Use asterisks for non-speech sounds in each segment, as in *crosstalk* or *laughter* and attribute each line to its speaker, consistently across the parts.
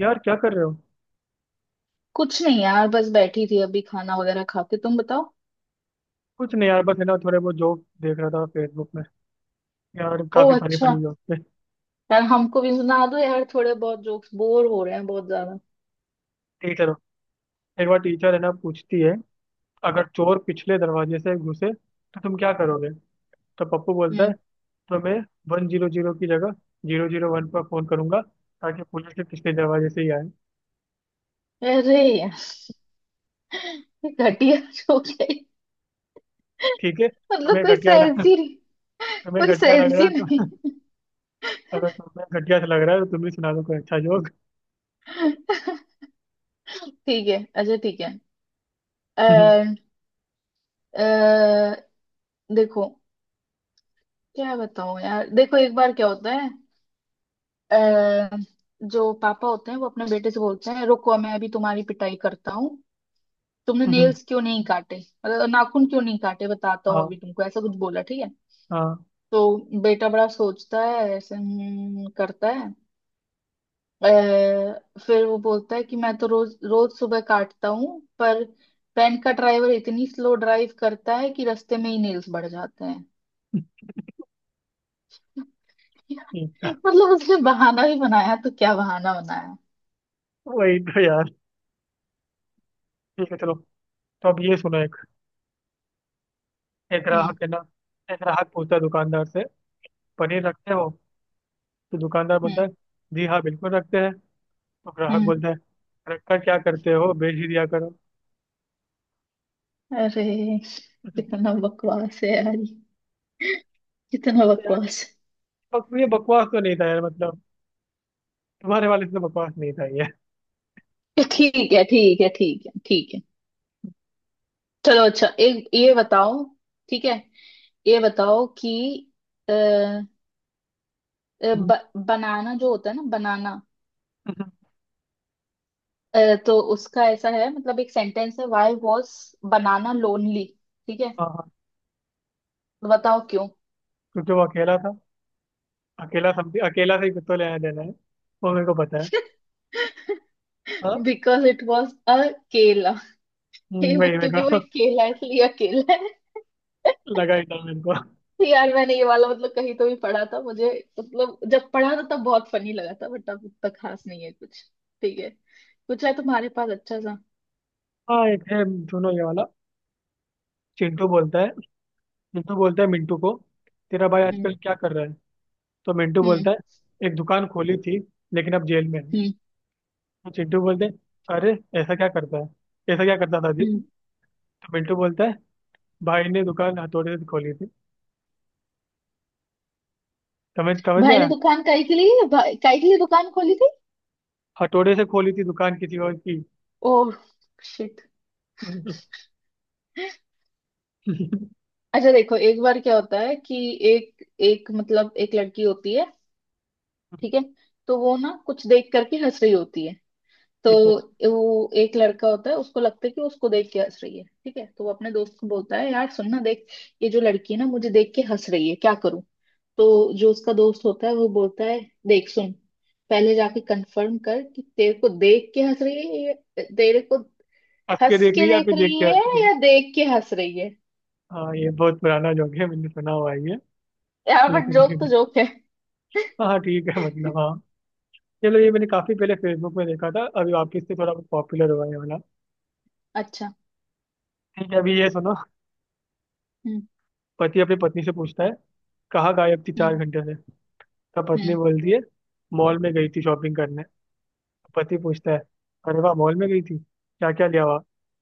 Speaker 1: यार क्या कर रहे हो।
Speaker 2: कुछ नहीं यार, बस बैठी थी। अभी खाना वगैरह खा के तुम बताओ।
Speaker 1: कुछ नहीं यार बस है ना थोड़े बहुत जोक देख रहा था फेसबुक में। यार
Speaker 2: ओ
Speaker 1: काफी फनी
Speaker 2: अच्छा।
Speaker 1: फनी जोक थे।
Speaker 2: यार हमको भी सुना दो यार, थोड़े बहुत जोक्स। बोर हो रहे हैं बहुत ज्यादा।
Speaker 1: टीचर हो। एक बार टीचर है ना पूछती है, अगर चोर पिछले दरवाजे से घुसे तो तुम क्या करोगे। तो पप्पू बोलता है,
Speaker 2: हम्म।
Speaker 1: तो मैं 100 की जगह 001 पर फोन करूंगा ताकि पुलिस के पिछले दरवाजे से ही आए।
Speaker 2: अरे यार, ये घटिया जोक है।
Speaker 1: ठीक है
Speaker 2: मतलब
Speaker 1: तुम्हें
Speaker 2: कोई
Speaker 1: घटिया लग
Speaker 2: सेंस
Speaker 1: *laughs*
Speaker 2: ही नहीं।
Speaker 1: तुम्हें
Speaker 2: कोई
Speaker 1: घटिया लग
Speaker 2: सेंस
Speaker 1: रहा
Speaker 2: ही
Speaker 1: है
Speaker 2: नहीं।
Speaker 1: तो। अगर तुम्हें घटिया से लग रहा है तो तुम भी सुना दो कोई अच्छा जोक।
Speaker 2: ठीक है, अच्छा ठीक है।
Speaker 1: *laughs*
Speaker 2: अः देखो। क्या बताऊं यार, देखो एक बार क्या होता है। अः जो पापा होते हैं वो अपने बेटे से बोलते हैं, रुको, मैं अभी तुम्हारी पिटाई करता हूँ। तुमने नेल्स क्यों नहीं काटे, मतलब नाखून क्यों नहीं काटे, बताता हूँ
Speaker 1: हाँ,
Speaker 2: अभी तुमको। ऐसा कुछ बोला ठीक है।
Speaker 1: हाँ,
Speaker 2: तो बेटा बड़ा सोचता है ऐसे, करता है। फिर वो बोलता है कि मैं तो रोज रोज सुबह काटता हूँ, पर वैन का ड्राइवर इतनी स्लो ड्राइव करता है कि रास्ते में ही नेल्स बढ़ जाते हैं। *laughs*
Speaker 1: ठीक था।
Speaker 2: मतलब उसने बहाना भी बनाया तो क्या बहाना बनाया।
Speaker 1: वही तो यार। ठीक है चलो, तो अब ये सुनो एक। एक
Speaker 2: हम्म,
Speaker 1: ग्राहक है ना, एक ग्राहक पूछता है दुकानदार से, पनीर रखते हो। तो दुकानदार
Speaker 2: हम्म,
Speaker 1: बोलता है, जी हाँ बिल्कुल रखते हैं। तो ग्राहक
Speaker 2: हम्म।
Speaker 1: बोलता है, रखकर क्या करते हो बेच ही दिया करो।
Speaker 2: अरे,
Speaker 1: *laughs* तो
Speaker 2: कितना बकवास है यार ये, कितना
Speaker 1: यार,
Speaker 2: बकवास
Speaker 1: ये बकवास तो नहीं था यार मतलब, तुम्हारे वाले से तो बकवास नहीं था ये।
Speaker 2: है। ठीक है, ठीक है, ठीक है, ठीक है। चलो अच्छा, एक ये बताओ। ठीक है। ये बताओ कि अ, अ,
Speaker 1: *laughs*
Speaker 2: बनाना जो होता है ना, बनाना।
Speaker 1: हाँ,
Speaker 2: अ, तो उसका ऐसा है, मतलब एक सेंटेंस है, वाई वॉज बनाना लोनली। ठीक है,
Speaker 1: हाँ,
Speaker 2: तो बताओ क्यों।
Speaker 1: क्योंकि वो अकेला था। अकेला समथिंग अकेला से ही कुछ तो लेना देना है, वो मेरे को पता है। हाँ।
Speaker 2: बिकॉज इट वॉज अ केला। *laughs* ये वो,
Speaker 1: वही मेरे
Speaker 2: क्योंकि वो
Speaker 1: को
Speaker 2: एक केला है इसलिए अकेला है।
Speaker 1: *laughs* लगा ही था मेरे को।
Speaker 2: तो यार मैंने ये वाला मतलब कहीं तो भी पढ़ा था मुझे, मतलब जब पढ़ा था तब बहुत फनी लगा था, बट अब उतना खास नहीं है कुछ। ठीक है, कुछ है तुम्हारे पास अच्छा सा?
Speaker 1: हाँ एक है सुनो ये वाला। चिंटू बोलता है, चिंटू बोलता है मिंटू को, तेरा भाई
Speaker 2: हम्म,
Speaker 1: आजकल क्या कर रहा है। तो मिंटू
Speaker 2: हम्म,
Speaker 1: बोलता है, एक दुकान खोली थी लेकिन अब जेल में है।
Speaker 2: हम्म,
Speaker 1: तो चिंटू बोलते हैं, अरे ऐसा क्या करता है, ऐसा क्या करता था जी?
Speaker 2: हम्म।
Speaker 1: तो मिंटू बोलता है, भाई ने दुकान हथौड़े से खोली थी। समझ समझ नहीं
Speaker 2: भाई ने
Speaker 1: आया।
Speaker 2: दुकान काई के लिए, काई के लिए दुकान खोली थी।
Speaker 1: हथौड़े से खोली थी दुकान किसी और की।
Speaker 2: ओह, शिट।
Speaker 1: ठीक
Speaker 2: अच्छा देखो, एक बार क्या होता है कि एक एक मतलब एक लड़की होती है, ठीक है। तो वो ना कुछ देख करके हंस रही होती है, तो
Speaker 1: है।
Speaker 2: वो एक लड़का होता है, उसको लगता है कि उसको देख के हंस रही है। ठीक है, तो वो अपने दोस्त को बोलता है, यार सुन ना, देख, ये जो लड़की है ना मुझे देख के हंस रही है, क्या करूं? तो जो उसका दोस्त होता है वो बोलता है, देख, सुन, पहले जाके कंफर्म कर कि तेरे को देख के हंस रही है, तेरे को
Speaker 1: हंस के
Speaker 2: हंस
Speaker 1: देख
Speaker 2: के
Speaker 1: रही है या
Speaker 2: देख
Speaker 1: फिर देख
Speaker 2: रही
Speaker 1: के
Speaker 2: है,
Speaker 1: हंस रही है?
Speaker 2: या देख के हंस रही है।
Speaker 1: हाँ ये बहुत पुराना जोक है मैंने सुना हुआ है ये।
Speaker 2: यार बट
Speaker 1: लेकिन
Speaker 2: जोक तो
Speaker 1: फिर
Speaker 2: जोक है। *laughs*
Speaker 1: हाँ ठीक है मतलब हाँ। चलो ये मैंने काफी पहले फेसबुक में देखा था अभी वापस से थोड़ा पॉपुलर हुआ है ये वाला।
Speaker 2: अच्छा।
Speaker 1: ठीक है अभी ये सुनो।
Speaker 2: हम्म,
Speaker 1: पति अपनी पत्नी से पूछता है, कहाँ गायब थी चार
Speaker 2: हम्म,
Speaker 1: घंटे से। तब पत्नी
Speaker 2: हम्म।
Speaker 1: बोलती है, मॉल में गई थी शॉपिंग करने। तो पति पूछता है, अरे वाह मॉल में गई थी क्या क्या लिया हुआ,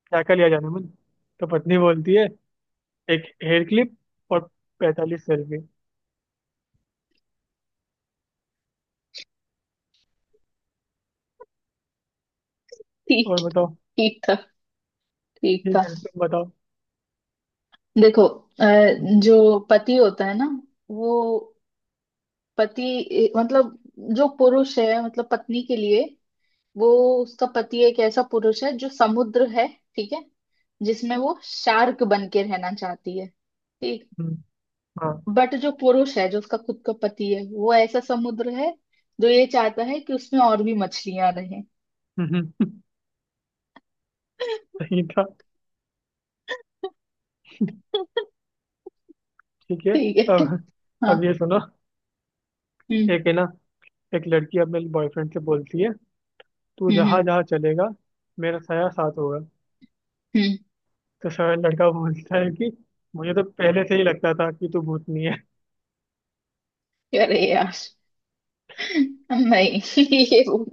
Speaker 1: क्या क्या लिया जाने मन। तो पत्नी बोलती है, एक हेयर क्लिप और 45 सेल्फी। और
Speaker 2: ठीक।
Speaker 1: बताओ।
Speaker 2: ठीक था, ठीक
Speaker 1: ठीक
Speaker 2: था।
Speaker 1: है तुम बताओ।
Speaker 2: देखो, जो पति होता है ना, वो पति मतलब जो पुरुष है, मतलब पत्नी के लिए, वो, उसका पति एक ऐसा पुरुष है जो समुद्र है, ठीक है, जिसमें वो शार्क बन के रहना चाहती है। ठीक।
Speaker 1: हम्म, हाँ।
Speaker 2: बट जो पुरुष है, जो उसका खुद का पति है, वो ऐसा समुद्र है जो ये चाहता है कि उसमें और भी मछलियां रहें।
Speaker 1: हम्म, हम्म, सही था। ठीक है।
Speaker 2: ठीक है।
Speaker 1: अब
Speaker 2: हाँ।
Speaker 1: अब ये सुनो।
Speaker 2: हम्म,
Speaker 1: एक है ना, एक लड़की अपने बॉयफ्रेंड से बोलती है, तू
Speaker 2: हम्म, हम्म,
Speaker 1: जहाँ जहाँ चलेगा मेरा साया साथ होगा।
Speaker 2: हम्म।
Speaker 1: तो सर लड़का बोलता है कि मुझे तो पहले से ही लगता था कि तू भूतनी है।
Speaker 2: अरे यार, नहीं, ये वो-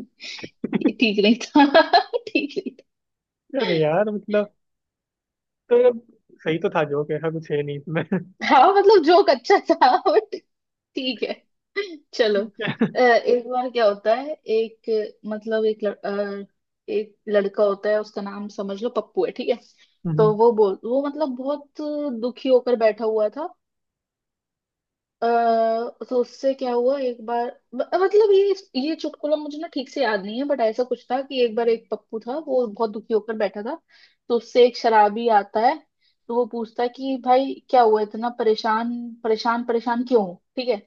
Speaker 2: ये ठीक नहीं था। *laughs* ठीक नहीं
Speaker 1: *laughs* अरे यार मतलब तो ये सही तो था जोक, ऐसा कुछ है नहीं इसमें।
Speaker 2: था, हाँ, मतलब जोक अच्छा था बट। ठीक है। *laughs* चलो,
Speaker 1: ठीक है।
Speaker 2: एक बार क्या होता है, एक मतलब एक लड़का होता है, उसका नाम समझ लो पप्पू है, ठीक है। तो
Speaker 1: हम्म,
Speaker 2: वो बोल वो मतलब बहुत दुखी होकर बैठा हुआ था। अ, तो उससे क्या हुआ एक बार, मतलब ये चुटकुला मुझे ना ठीक से याद नहीं है, बट ऐसा कुछ था कि एक बार एक पप्पू था, वो बहुत दुखी होकर बैठा था। तो उससे एक शराबी आता है, तो वो पूछता है कि भाई क्या हुआ, इतना परेशान, परेशान क्यों हो? ठीक है।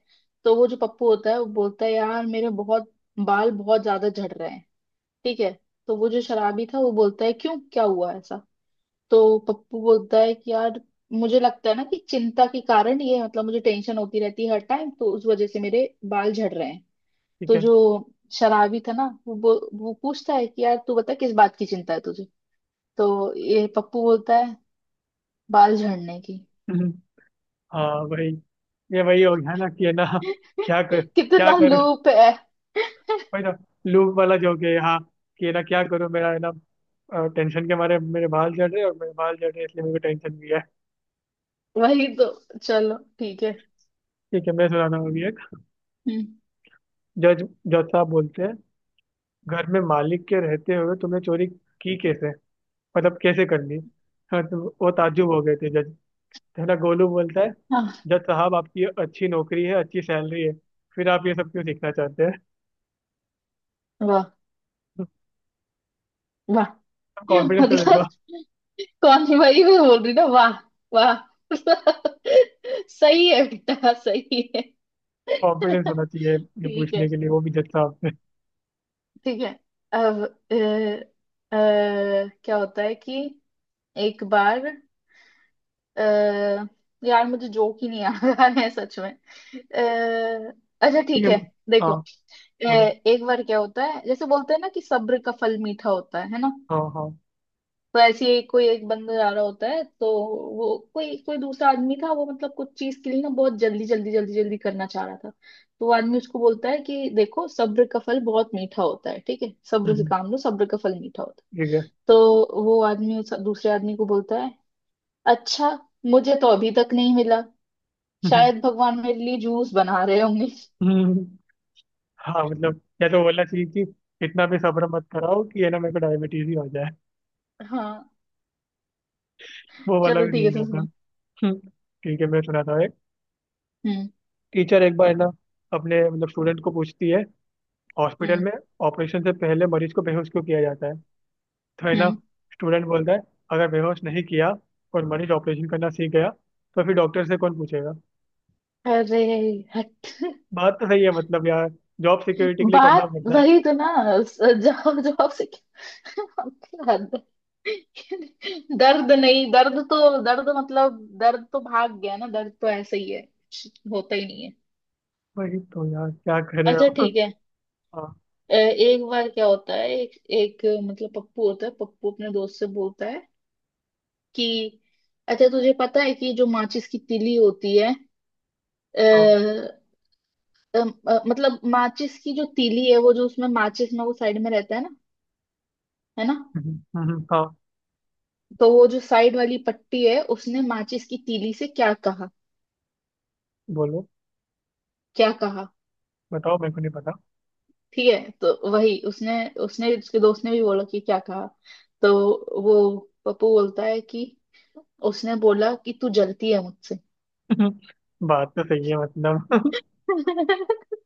Speaker 2: तो वो जो पप्पू होता है वो बोलता है, यार मेरे बहुत, बाल बहुत ज्यादा झड़ रहे हैं, ठीक है। तो वो जो शराबी था वो बोलता है, क्यों, क्या हुआ ऐसा? तो पप्पू बोलता है कि यार, मुझे लगता है ना कि चिंता के कारण ये, मतलब मुझे टेंशन होती रहती है हर टाइम, तो उस वजह से मेरे बाल झड़ रहे हैं।
Speaker 1: ठीक
Speaker 2: तो
Speaker 1: है।
Speaker 2: जो शराबी था ना वो वो पूछता है कि यार तू बता, किस बात की चिंता है तुझे। तो ये पप्पू बोलता है, बाल झड़ने की।
Speaker 1: हम्म, हाँ वही, ये वही हो गया ना कि है ना क्या कर,
Speaker 2: *laughs*
Speaker 1: क्या
Speaker 2: कितना
Speaker 1: करूँ।
Speaker 2: लूप है।
Speaker 1: वही ना, लूप वाला जोक है हाँ, कि है ना क्या करूँ मेरा, है ना टेंशन के मारे मेरे बाल झड़ रहे हैं और मेरे बाल झड़ रहे हैं इसलिए मेरे को टेंशन भी है।
Speaker 2: वही तो, चलो ठीक है।
Speaker 1: ठीक है मैं सुनाता हूँ अभी एक।
Speaker 2: हम्म,
Speaker 1: जज, जज साहब बोलते हैं, घर में मालिक के रहते हुए तुमने चोरी की कैसे, मतलब कैसे कर ली। हाँ तो वो ताज्जुब हो गए थे जज। तो ना गोलू बोलता है,
Speaker 2: हाँ,
Speaker 1: जज साहब आपकी अच्छी नौकरी है अच्छी सैलरी है फिर आप ये सब क्यों सीखना चाहते हैं।
Speaker 2: वाह, वाह।
Speaker 1: *laughs*
Speaker 2: *laughs*
Speaker 1: कॉन्फिडेंस तो देखो।
Speaker 2: मतलब, कौन सी भाई, मैं बोल रही ना, वाह, वाह। *laughs* सही है बेटा, सही है।
Speaker 1: कॉन्फिडेंस होना चाहिए
Speaker 2: *laughs*
Speaker 1: ये
Speaker 2: ठीक है,
Speaker 1: पूछने के लिए वो भी जज साहब से।
Speaker 2: ठीक है। अब अ, क्या होता है कि, एक बार, अ, यार मुझे जोक ही नहीं आ रहा है सच में। अच्छा
Speaker 1: ठीक
Speaker 2: ठीक
Speaker 1: है
Speaker 2: है।
Speaker 1: मैम।
Speaker 2: देखो,
Speaker 1: हाँ बोलो,
Speaker 2: एक बार क्या होता है, जैसे बोलते हैं ना कि सब्र का फल मीठा होता है ना?
Speaker 1: हाँ हाँ।
Speaker 2: तो ऐसे ही कोई एक बंदा जा रहा होता है, तो वो, कोई, कोई दूसरा आदमी था वो, मतलब कुछ चीज के लिए ना बहुत जल्दी जल्दी जल्दी जल्दी करना चाह रहा था, तो वो आदमी उसको बोलता है कि देखो, सब्र का फल बहुत मीठा होता है, ठीक है, सब्र से
Speaker 1: हम्म,
Speaker 2: काम लो, सब्र का फल मीठा होता है।
Speaker 1: ठीक है। *laughs*
Speaker 2: तो वो आदमी उस दूसरे आदमी को बोलता है, अच्छा, मुझे तो अभी तक नहीं मिला,
Speaker 1: हम्म,
Speaker 2: शायद भगवान मेरे लिए जूस बना रहे होंगे।
Speaker 1: हम्म, हाँ मतलब या तो बोलना चाहिए कि इतना भी सब्र मत कराओ कि ये ना मेरे को डायबिटीज ही हो जाए।
Speaker 2: हाँ,
Speaker 1: वो वाला
Speaker 2: चलो
Speaker 1: भी
Speaker 2: ठीक है,
Speaker 1: नहीं
Speaker 2: तुम
Speaker 1: रहता।
Speaker 2: सुना।
Speaker 1: हम्म, *laughs* ठीक है मैं सुनाता हूँ एक।
Speaker 2: हम्म,
Speaker 1: टीचर एक बार ना अपने मतलब स्टूडेंट को पूछती है, हॉस्पिटल
Speaker 2: हम्म,
Speaker 1: में ऑपरेशन से पहले मरीज को बेहोश क्यों किया जाता है। तो है ना,
Speaker 2: हम्म।
Speaker 1: स्टूडेंट बोलता है, अगर बेहोश नहीं किया और मरीज ऑपरेशन करना सीख गया तो फिर डॉक्टर से कौन पूछेगा।
Speaker 2: अरे हट।
Speaker 1: बात तो सही है मतलब यार, जॉब सिक्योरिटी के लिए करना
Speaker 2: बात
Speaker 1: पड़ता है।
Speaker 2: वही तो ना, जवाब, जवाब से। *laughs* हद है। दर्द नहीं, दर्द तो, दर्द मतलब दर्द तो भाग गया ना, दर्द तो ऐसे ही है, कुछ होता ही नहीं है।
Speaker 1: वही तो यार क्या कर रहे
Speaker 2: अच्छा
Speaker 1: हो।
Speaker 2: ठीक है।
Speaker 1: हाँ।
Speaker 2: एक बार क्या होता है, एक एक मतलब पप्पू होता है। पप्पू अपने दोस्त से बोलता है कि, अच्छा तुझे पता है कि जो माचिस की तीली होती है, आ,
Speaker 1: हाँ।
Speaker 2: मतलब माचिस की जो तीली है, वो, जो उसमें माचिस में वो साइड में रहता है ना, है ना?
Speaker 1: हाँ
Speaker 2: तो वो जो साइड वाली पट्टी है उसने माचिस की तीली से क्या कहा?
Speaker 1: बोलो,
Speaker 2: क्या कहा?
Speaker 1: बताओ मेरे को नहीं पता।
Speaker 2: ठीक है, तो वही उसने, उसके दोस्त ने भी बोला कि क्या कहा, तो वो पप्पू बोलता है कि उसने बोला कि तू जलती है मुझसे।
Speaker 1: *laughs* बात तो सही है मतलब *laughs*
Speaker 2: *laughs*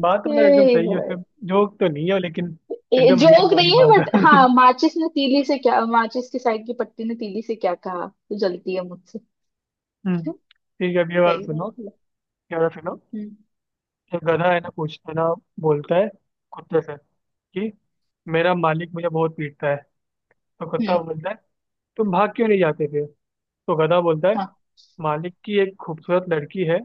Speaker 1: बात तो मतलब एकदम
Speaker 2: ये
Speaker 1: सही है
Speaker 2: भाई,
Speaker 1: उसमें। जोक तो नहीं है लेकिन
Speaker 2: ये
Speaker 1: एकदम रियल
Speaker 2: जोक नहीं
Speaker 1: वाली
Speaker 2: है,
Speaker 1: बात
Speaker 2: बट
Speaker 1: है। *laughs*
Speaker 2: हाँ, माचिस की साइड की पट्टी ने तीली से क्या कहा? तू जलती है मुझसे। *laughs*
Speaker 1: ठीक है अब ये वाला
Speaker 2: सही बात
Speaker 1: सुनो।
Speaker 2: है।
Speaker 1: ये वाला सुनो।
Speaker 2: हम्म,
Speaker 1: एक गधा है ना पूछता है ना, बोलता है कुत्ते से कि मेरा मालिक मुझे बहुत पीटता है। तो कुत्ता
Speaker 2: हम्म,
Speaker 1: बोलता है, तुम भाग क्यों नहीं जाते थे। तो गधा बोलता है,
Speaker 2: हाँ।
Speaker 1: मालिक की एक खूबसूरत लड़की है,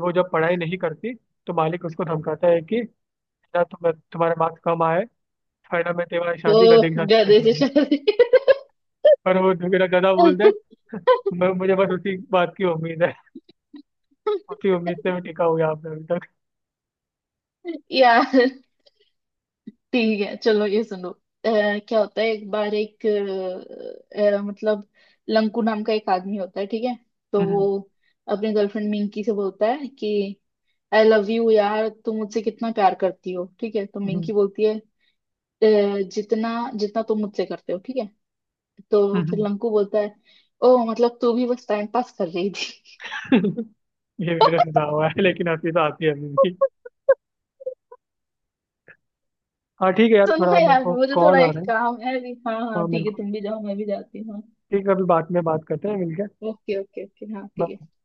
Speaker 1: वो जब पढ़ाई नहीं करती तो मालिक उसको धमकाता है कि ना तुम्हारे मार्क्स कम आए फायदा, मैं तुम्हारी
Speaker 2: ओ,
Speaker 1: शादी गधे के साथ कर
Speaker 2: गधे से
Speaker 1: दूंगा।
Speaker 2: शादी?
Speaker 1: पर वो मेरा गधा बोलता है, मैं मुझे बस उसी बात की उम्मीद है, उसी उम्मीद से मैं टिका हुआ यहाँ पे अभी तक।
Speaker 2: *laughs* यार, ठीक है, चलो ये सुनो। अ, क्या होता है, एक बार मतलब लंकू नाम का एक आदमी होता है, ठीक है।
Speaker 1: *laughs*
Speaker 2: तो वो
Speaker 1: हम्म,
Speaker 2: अपने गर्लफ्रेंड मिंकी से बोलता है कि, आई लव यू यार, तुम मुझसे कितना प्यार करती हो, ठीक है? तो
Speaker 1: हम्म,
Speaker 2: मिंकी बोलती है, "अ, जितना, जितना तुम मुझसे करते हो, ठीक है।" तो फिर
Speaker 1: हम्म।
Speaker 2: लंकू बोलता है, ओ मतलब तू भी बस टाइम पास कर रही थी।
Speaker 1: *laughs* ये भी मेरा सुना हुआ है लेकिन हंसी तो आती है अभी भी।
Speaker 2: *laughs*
Speaker 1: हाँ ठीक है यार
Speaker 2: सुनो
Speaker 1: थोड़ा मेरे
Speaker 2: यार
Speaker 1: को
Speaker 2: मुझे थोड़ा
Speaker 1: कॉल आ
Speaker 2: एक
Speaker 1: रहा है
Speaker 2: काम है अभी, हाँ हाँ
Speaker 1: और मेरे
Speaker 2: ठीक है,
Speaker 1: को,
Speaker 2: तुम भी जाओ मैं भी जाती हूँ, हाँ,
Speaker 1: ठीक है अभी बाद में बात करते हैं मिलके।
Speaker 2: ओके ओके ओके, हाँ ठीक है।
Speaker 1: बाय।